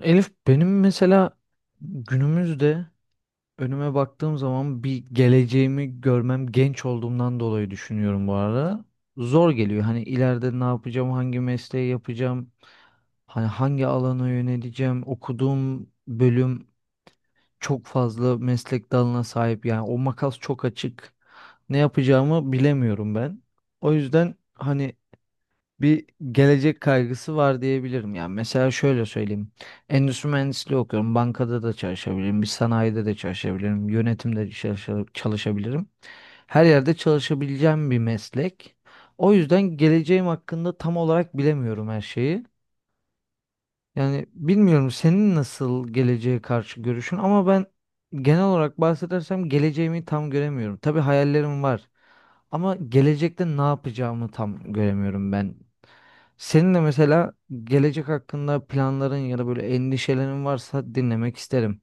Elif benim mesela günümüzde önüme baktığım zaman bir geleceğimi görmem genç olduğumdan dolayı düşünüyorum bu arada. Zor geliyor. Hani ileride ne yapacağım, hangi mesleği yapacağım, hani hangi alana yöneleceğim. Okuduğum bölüm çok fazla meslek dalına sahip. Yani o makas çok açık. Ne yapacağımı bilemiyorum ben. O yüzden hani bir gelecek kaygısı var diyebilirim. Yani mesela şöyle söyleyeyim. Endüstri mühendisliği okuyorum. Bankada da çalışabilirim. Bir sanayide de çalışabilirim. Yönetimde çalışabilirim. Her yerde çalışabileceğim bir meslek. O yüzden geleceğim hakkında tam olarak bilemiyorum her şeyi. Yani bilmiyorum senin nasıl geleceğe karşı görüşün ama ben genel olarak bahsedersem geleceğimi tam göremiyorum. Tabii hayallerim var. Ama gelecekte ne yapacağımı tam göremiyorum ben. Senin de mesela gelecek hakkında planların ya da böyle endişelerin varsa dinlemek isterim.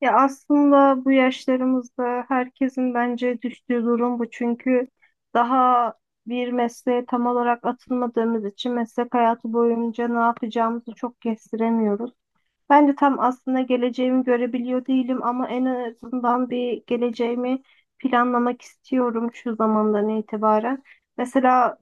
Ya aslında bu yaşlarımızda herkesin bence düştüğü durum bu. Çünkü daha bir mesleğe tam olarak atılmadığımız için meslek hayatı boyunca ne yapacağımızı çok kestiremiyoruz. Ben de tam aslında geleceğimi görebiliyor değilim ama en azından bir geleceğimi planlamak istiyorum şu zamandan itibaren. Mesela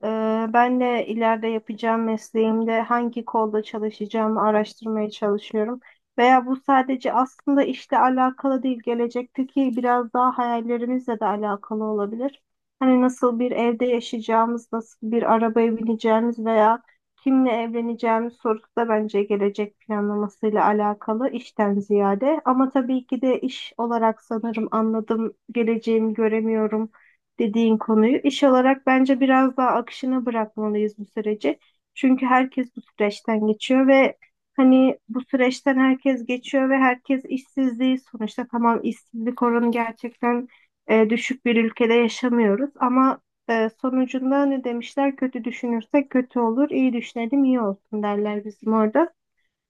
ben de ileride yapacağım mesleğimde hangi kolda çalışacağımı araştırmaya çalışıyorum. Veya bu sadece aslında işle alakalı değil, gelecekteki biraz daha hayallerimizle de alakalı olabilir. Hani nasıl bir evde yaşayacağımız, nasıl bir arabaya bineceğimiz veya kimle evleneceğim sorusu da bence gelecek planlamasıyla alakalı işten ziyade. Ama tabii ki de iş olarak sanırım anladım, geleceğimi göremiyorum dediğin konuyu. İş olarak bence biraz daha akışına bırakmalıyız bu süreci. Çünkü herkes bu süreçten geçiyor ve hani bu süreçten herkes geçiyor ve herkes işsizliği sonuçta tamam işsizlik oranı gerçekten düşük bir ülkede yaşamıyoruz ama sonucunda ne demişler? Kötü düşünürsek kötü olur, iyi düşünelim iyi olsun derler bizim orada.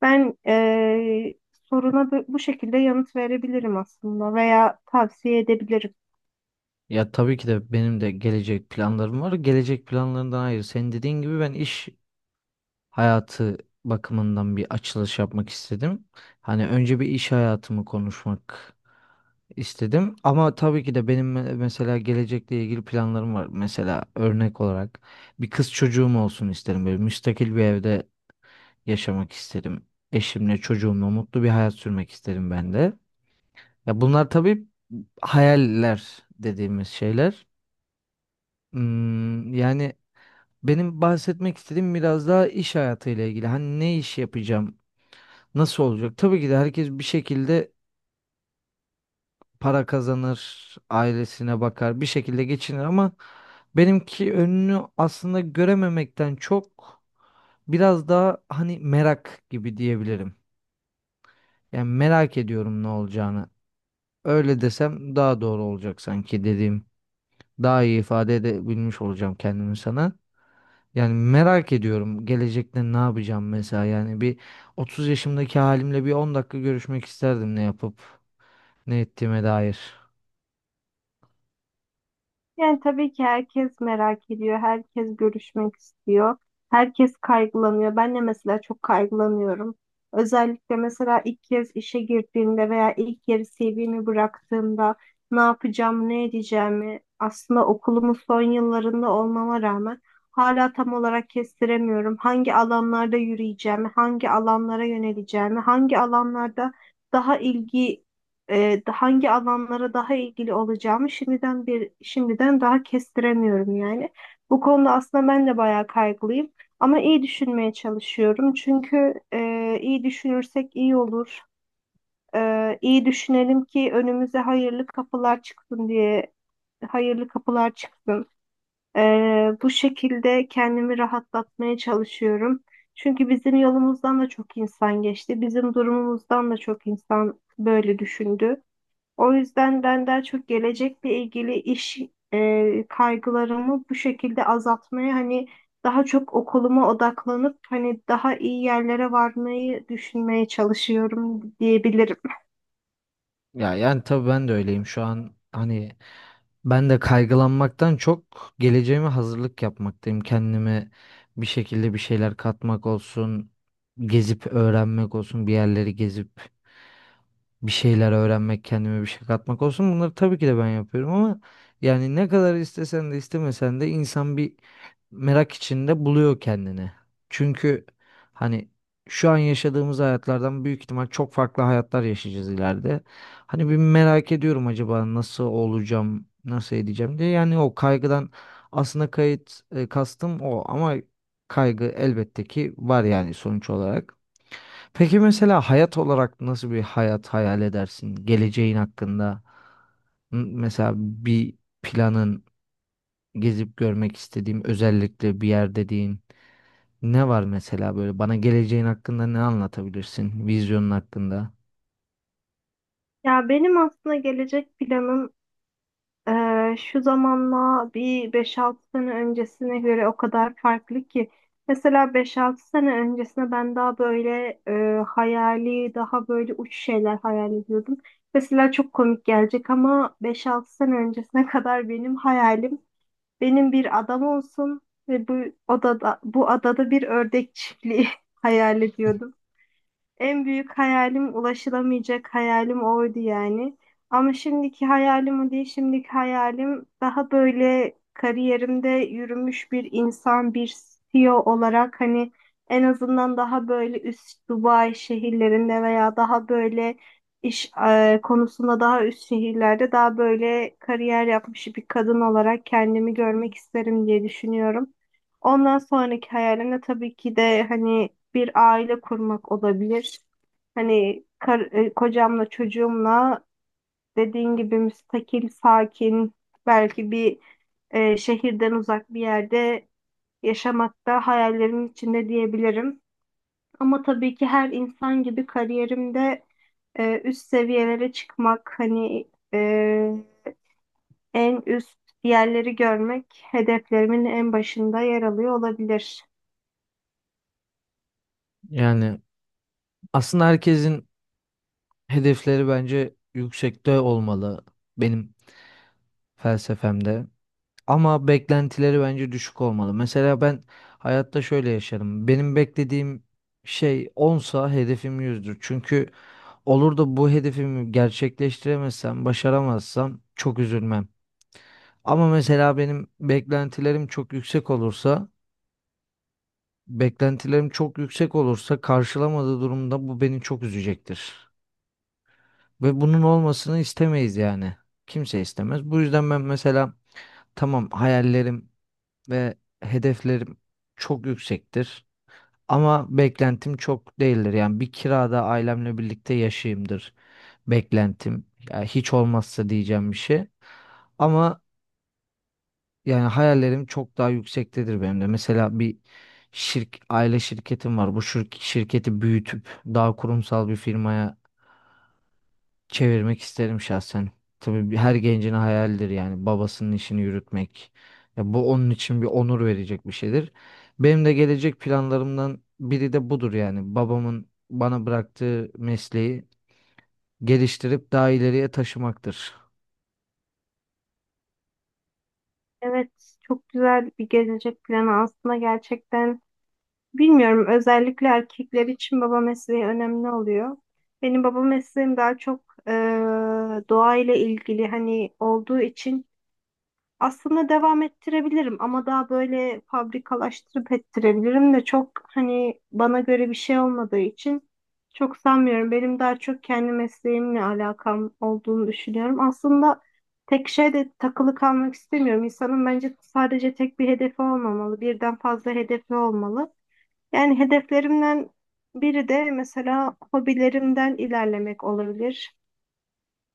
Ben soruna bu şekilde yanıt verebilirim aslında veya tavsiye edebilirim. Ya tabii ki de benim de gelecek planlarım var. Gelecek planlarından ayrı. Senin dediğin gibi ben iş hayatı bakımından bir açılış yapmak istedim. Hani önce bir iş hayatımı konuşmak istedim. Ama tabii ki de benim mesela gelecekle ilgili planlarım var. Mesela örnek olarak bir kız çocuğum olsun isterim. Böyle müstakil bir evde yaşamak isterim. Eşimle, çocuğumla mutlu bir hayat sürmek isterim ben de. Ya bunlar tabii hayaller dediğimiz şeyler. Hmm, yani benim bahsetmek istediğim biraz daha iş hayatıyla ilgili. Hani ne iş yapacağım? Nasıl olacak? Tabii ki de herkes bir şekilde para kazanır, ailesine bakar, bir şekilde geçinir ama benimki önünü aslında görememekten çok biraz daha hani merak gibi diyebilirim. Yani merak ediyorum ne olacağını. Öyle desem daha doğru olacak sanki dediğim. Daha iyi ifade edebilmiş olacağım kendimi sana. Yani merak ediyorum gelecekte ne yapacağım mesela. Yani bir 30 yaşımdaki halimle bir 10 dakika görüşmek isterdim ne yapıp ne ettiğime dair. Yani tabii ki herkes merak ediyor, herkes görüşmek istiyor, herkes kaygılanıyor. Ben de mesela çok kaygılanıyorum. Özellikle mesela ilk kez işe girdiğimde veya ilk yeri CV'mi bıraktığımda ne yapacağım, ne edeceğimi aslında okulumun son yıllarında olmama rağmen hala tam olarak kestiremiyorum. Hangi alanlarda yürüyeceğimi, hangi alanlara yöneleceğimi, hangi alanlarda daha ilgi hangi alanlara daha ilgili olacağımı şimdiden bir şimdiden daha kestiremiyorum yani. Bu konuda aslında ben de bayağı kaygılıyım ama iyi düşünmeye çalışıyorum. Çünkü iyi düşünürsek iyi olur. İyi düşünelim ki önümüze hayırlı kapılar çıksın diye hayırlı kapılar çıksın. E, Bu şekilde kendimi rahatlatmaya çalışıyorum. Çünkü bizim yolumuzdan da çok insan geçti. Bizim durumumuzdan da çok insan böyle düşündü. O yüzden ben daha çok gelecekle ilgili iş kaygılarımı bu şekilde azaltmaya hani daha çok okuluma odaklanıp hani daha iyi yerlere varmayı düşünmeye çalışıyorum diyebilirim. Ya yani tabii ben de öyleyim şu an. Hani ben de kaygılanmaktan çok geleceğime hazırlık yapmaktayım. Kendime bir şekilde bir şeyler katmak olsun, gezip öğrenmek olsun, bir yerleri gezip bir şeyler öğrenmek, kendime bir şey katmak olsun. Bunları tabii ki de ben yapıyorum ama yani ne kadar istesen de istemesen de insan bir merak içinde buluyor kendini. Çünkü hani şu an yaşadığımız hayatlardan büyük ihtimal çok farklı hayatlar yaşayacağız ileride. Hani bir merak ediyorum acaba nasıl olacağım, nasıl edeceğim diye. Yani o kaygıdan aslında kastım o ama kaygı elbette ki var yani sonuç olarak. Peki mesela hayat olarak nasıl bir hayat hayal edersin? Geleceğin hakkında mesela bir planın, gezip görmek istediğim özellikle bir yer dediğin ne var mesela böyle bana geleceğin hakkında ne anlatabilirsin? Vizyonun hakkında. Ya benim aslında gelecek planım şu zamanla bir beş altı sene öncesine göre o kadar farklı ki. Mesela beş altı sene öncesine ben daha böyle hayali, daha böyle uç şeyler hayal ediyordum. Mesela çok komik gelecek ama beş altı sene öncesine kadar benim hayalim benim bir adam olsun ve bu odada bu adada bir ördek çiftliği hayal ediyordum. En büyük hayalim ulaşılamayacak hayalim oydu yani. Ama şimdiki hayalim o değil. Şimdiki hayalim daha böyle kariyerimde yürümüş bir insan, bir CEO olarak hani en azından daha böyle üst Dubai şehirlerinde veya daha böyle iş konusunda daha üst şehirlerde daha böyle kariyer yapmış bir kadın olarak kendimi görmek isterim diye düşünüyorum. Ondan sonraki hayalim de tabii ki de hani bir aile kurmak olabilir. Hani kocamla çocuğumla dediğin gibi müstakil, sakin, belki bir şehirden uzak bir yerde yaşamak da hayallerimin içinde diyebilirim. Ama tabii ki her insan gibi kariyerimde üst seviyelere çıkmak, hani e, en üst yerleri görmek hedeflerimin en başında yer alıyor olabilir. Yani aslında herkesin hedefleri bence yüksekte olmalı benim felsefemde. Ama beklentileri bence düşük olmalı. Mesela ben hayatta şöyle yaşarım. Benim beklediğim şey onsa hedefim yüzdür. Çünkü olur da bu hedefimi gerçekleştiremezsem, başaramazsam çok üzülmem. Ama mesela benim beklentilerim çok yüksek olursa, karşılamadığı durumda bu beni çok üzecektir. Ve bunun olmasını istemeyiz yani. Kimse istemez. Bu yüzden ben mesela tamam hayallerim ve hedeflerim çok yüksektir. Ama beklentim çok değildir. Yani bir kirada ailemle birlikte yaşayayımdır beklentim. Yani hiç olmazsa diyeceğim bir şey. Ama yani hayallerim çok daha yüksektedir benim de. Mesela bir aile şirketim var. Bu şirketi büyütüp daha kurumsal bir firmaya çevirmek isterim şahsen. Tabii her gencin hayalidir yani babasının işini yürütmek. Ya bu onun için bir onur verecek bir şeydir. Benim de gelecek planlarımdan biri de budur yani. Babamın bana bıraktığı mesleği geliştirip daha ileriye taşımaktır. Evet, çok güzel bir gelecek planı aslında gerçekten. Bilmiyorum, özellikle erkekler için baba mesleği önemli oluyor. Benim baba mesleğim daha çok doğa ile ilgili hani olduğu için aslında devam ettirebilirim ama daha böyle fabrikalaştırıp ettirebilirim de çok hani bana göre bir şey olmadığı için çok sanmıyorum. Benim daha çok kendi mesleğimle alakam olduğunu düşünüyorum. Aslında tek şeyde takılı kalmak istemiyorum. İnsanın bence sadece tek bir hedefi olmamalı, birden fazla hedefi olmalı. Yani hedeflerimden biri de mesela hobilerimden ilerlemek olabilir.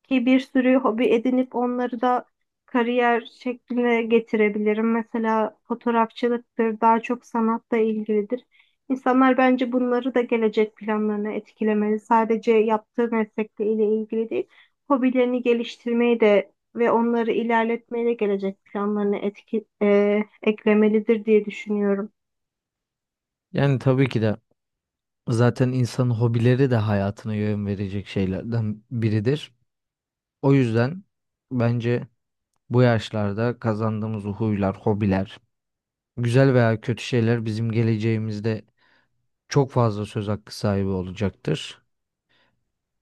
Ki bir sürü hobi edinip onları da kariyer şekline getirebilirim. Mesela fotoğrafçılıktır, daha çok sanatla ilgilidir. İnsanlar bence bunları da gelecek planlarına etkilemeli. Sadece yaptığı meslekle ile ilgili değil, hobilerini geliştirmeyi de ve onları ilerletmeyi de gelecek planlarına eklemelidir diye düşünüyorum. Yani tabii ki de zaten insanın hobileri de hayatına yön verecek şeylerden biridir. O yüzden bence bu yaşlarda kazandığımız huylar, hobiler, güzel veya kötü şeyler bizim geleceğimizde çok fazla söz hakkı sahibi olacaktır.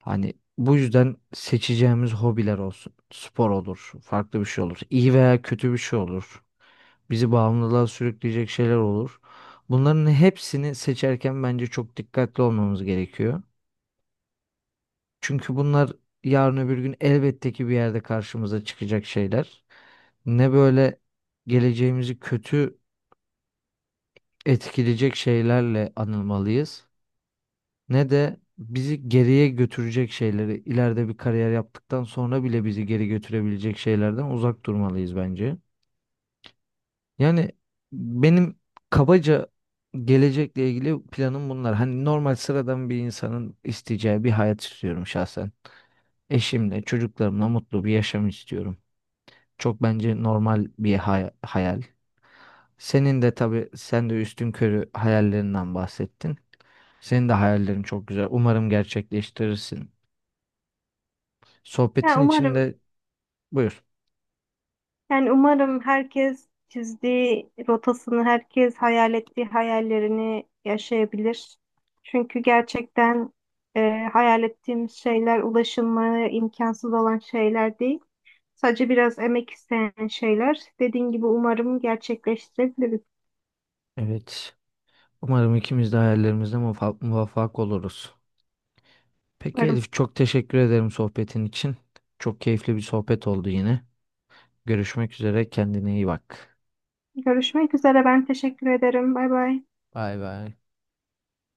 Hani bu yüzden seçeceğimiz hobiler olsun. Spor olur, farklı bir şey olur. İyi veya kötü bir şey olur. Bizi bağımlılığa sürükleyecek şeyler olur. Bunların hepsini seçerken bence çok dikkatli olmamız gerekiyor. Çünkü bunlar yarın öbür gün elbette ki bir yerde karşımıza çıkacak şeyler. Ne böyle geleceğimizi kötü etkileyecek şeylerle anılmalıyız, ne de bizi geriye götürecek şeyleri, ileride bir kariyer yaptıktan sonra bile bizi geri götürebilecek şeylerden uzak durmalıyız bence. Yani benim kabaca gelecekle ilgili planım bunlar. Hani normal sıradan bir insanın isteyeceği bir hayat istiyorum şahsen. Eşimle, çocuklarımla mutlu bir yaşam istiyorum. Çok bence normal bir hayal. Senin de tabii sen de üstün körü hayallerinden bahsettin. Senin de hayallerin çok güzel. Umarım gerçekleştirirsin. Ya Sohbetin umarım. içinde buyur. Yani umarım herkes çizdiği rotasını, herkes hayal ettiği hayallerini yaşayabilir. Çünkü gerçekten e, hayal ettiğimiz şeyler ulaşılmaya imkansız olan şeyler değil. Sadece biraz emek isteyen şeyler. Dediğin gibi umarım gerçekleştirebiliriz. Evet. Umarım ikimiz de hayallerimizde muvaffak oluruz. Peki Umarım. Elif çok teşekkür ederim sohbetin için. Çok keyifli bir sohbet oldu yine. Görüşmek üzere. Kendine iyi bak. Görüşmek üzere. Ben teşekkür ederim. Bay bay. Bay bay.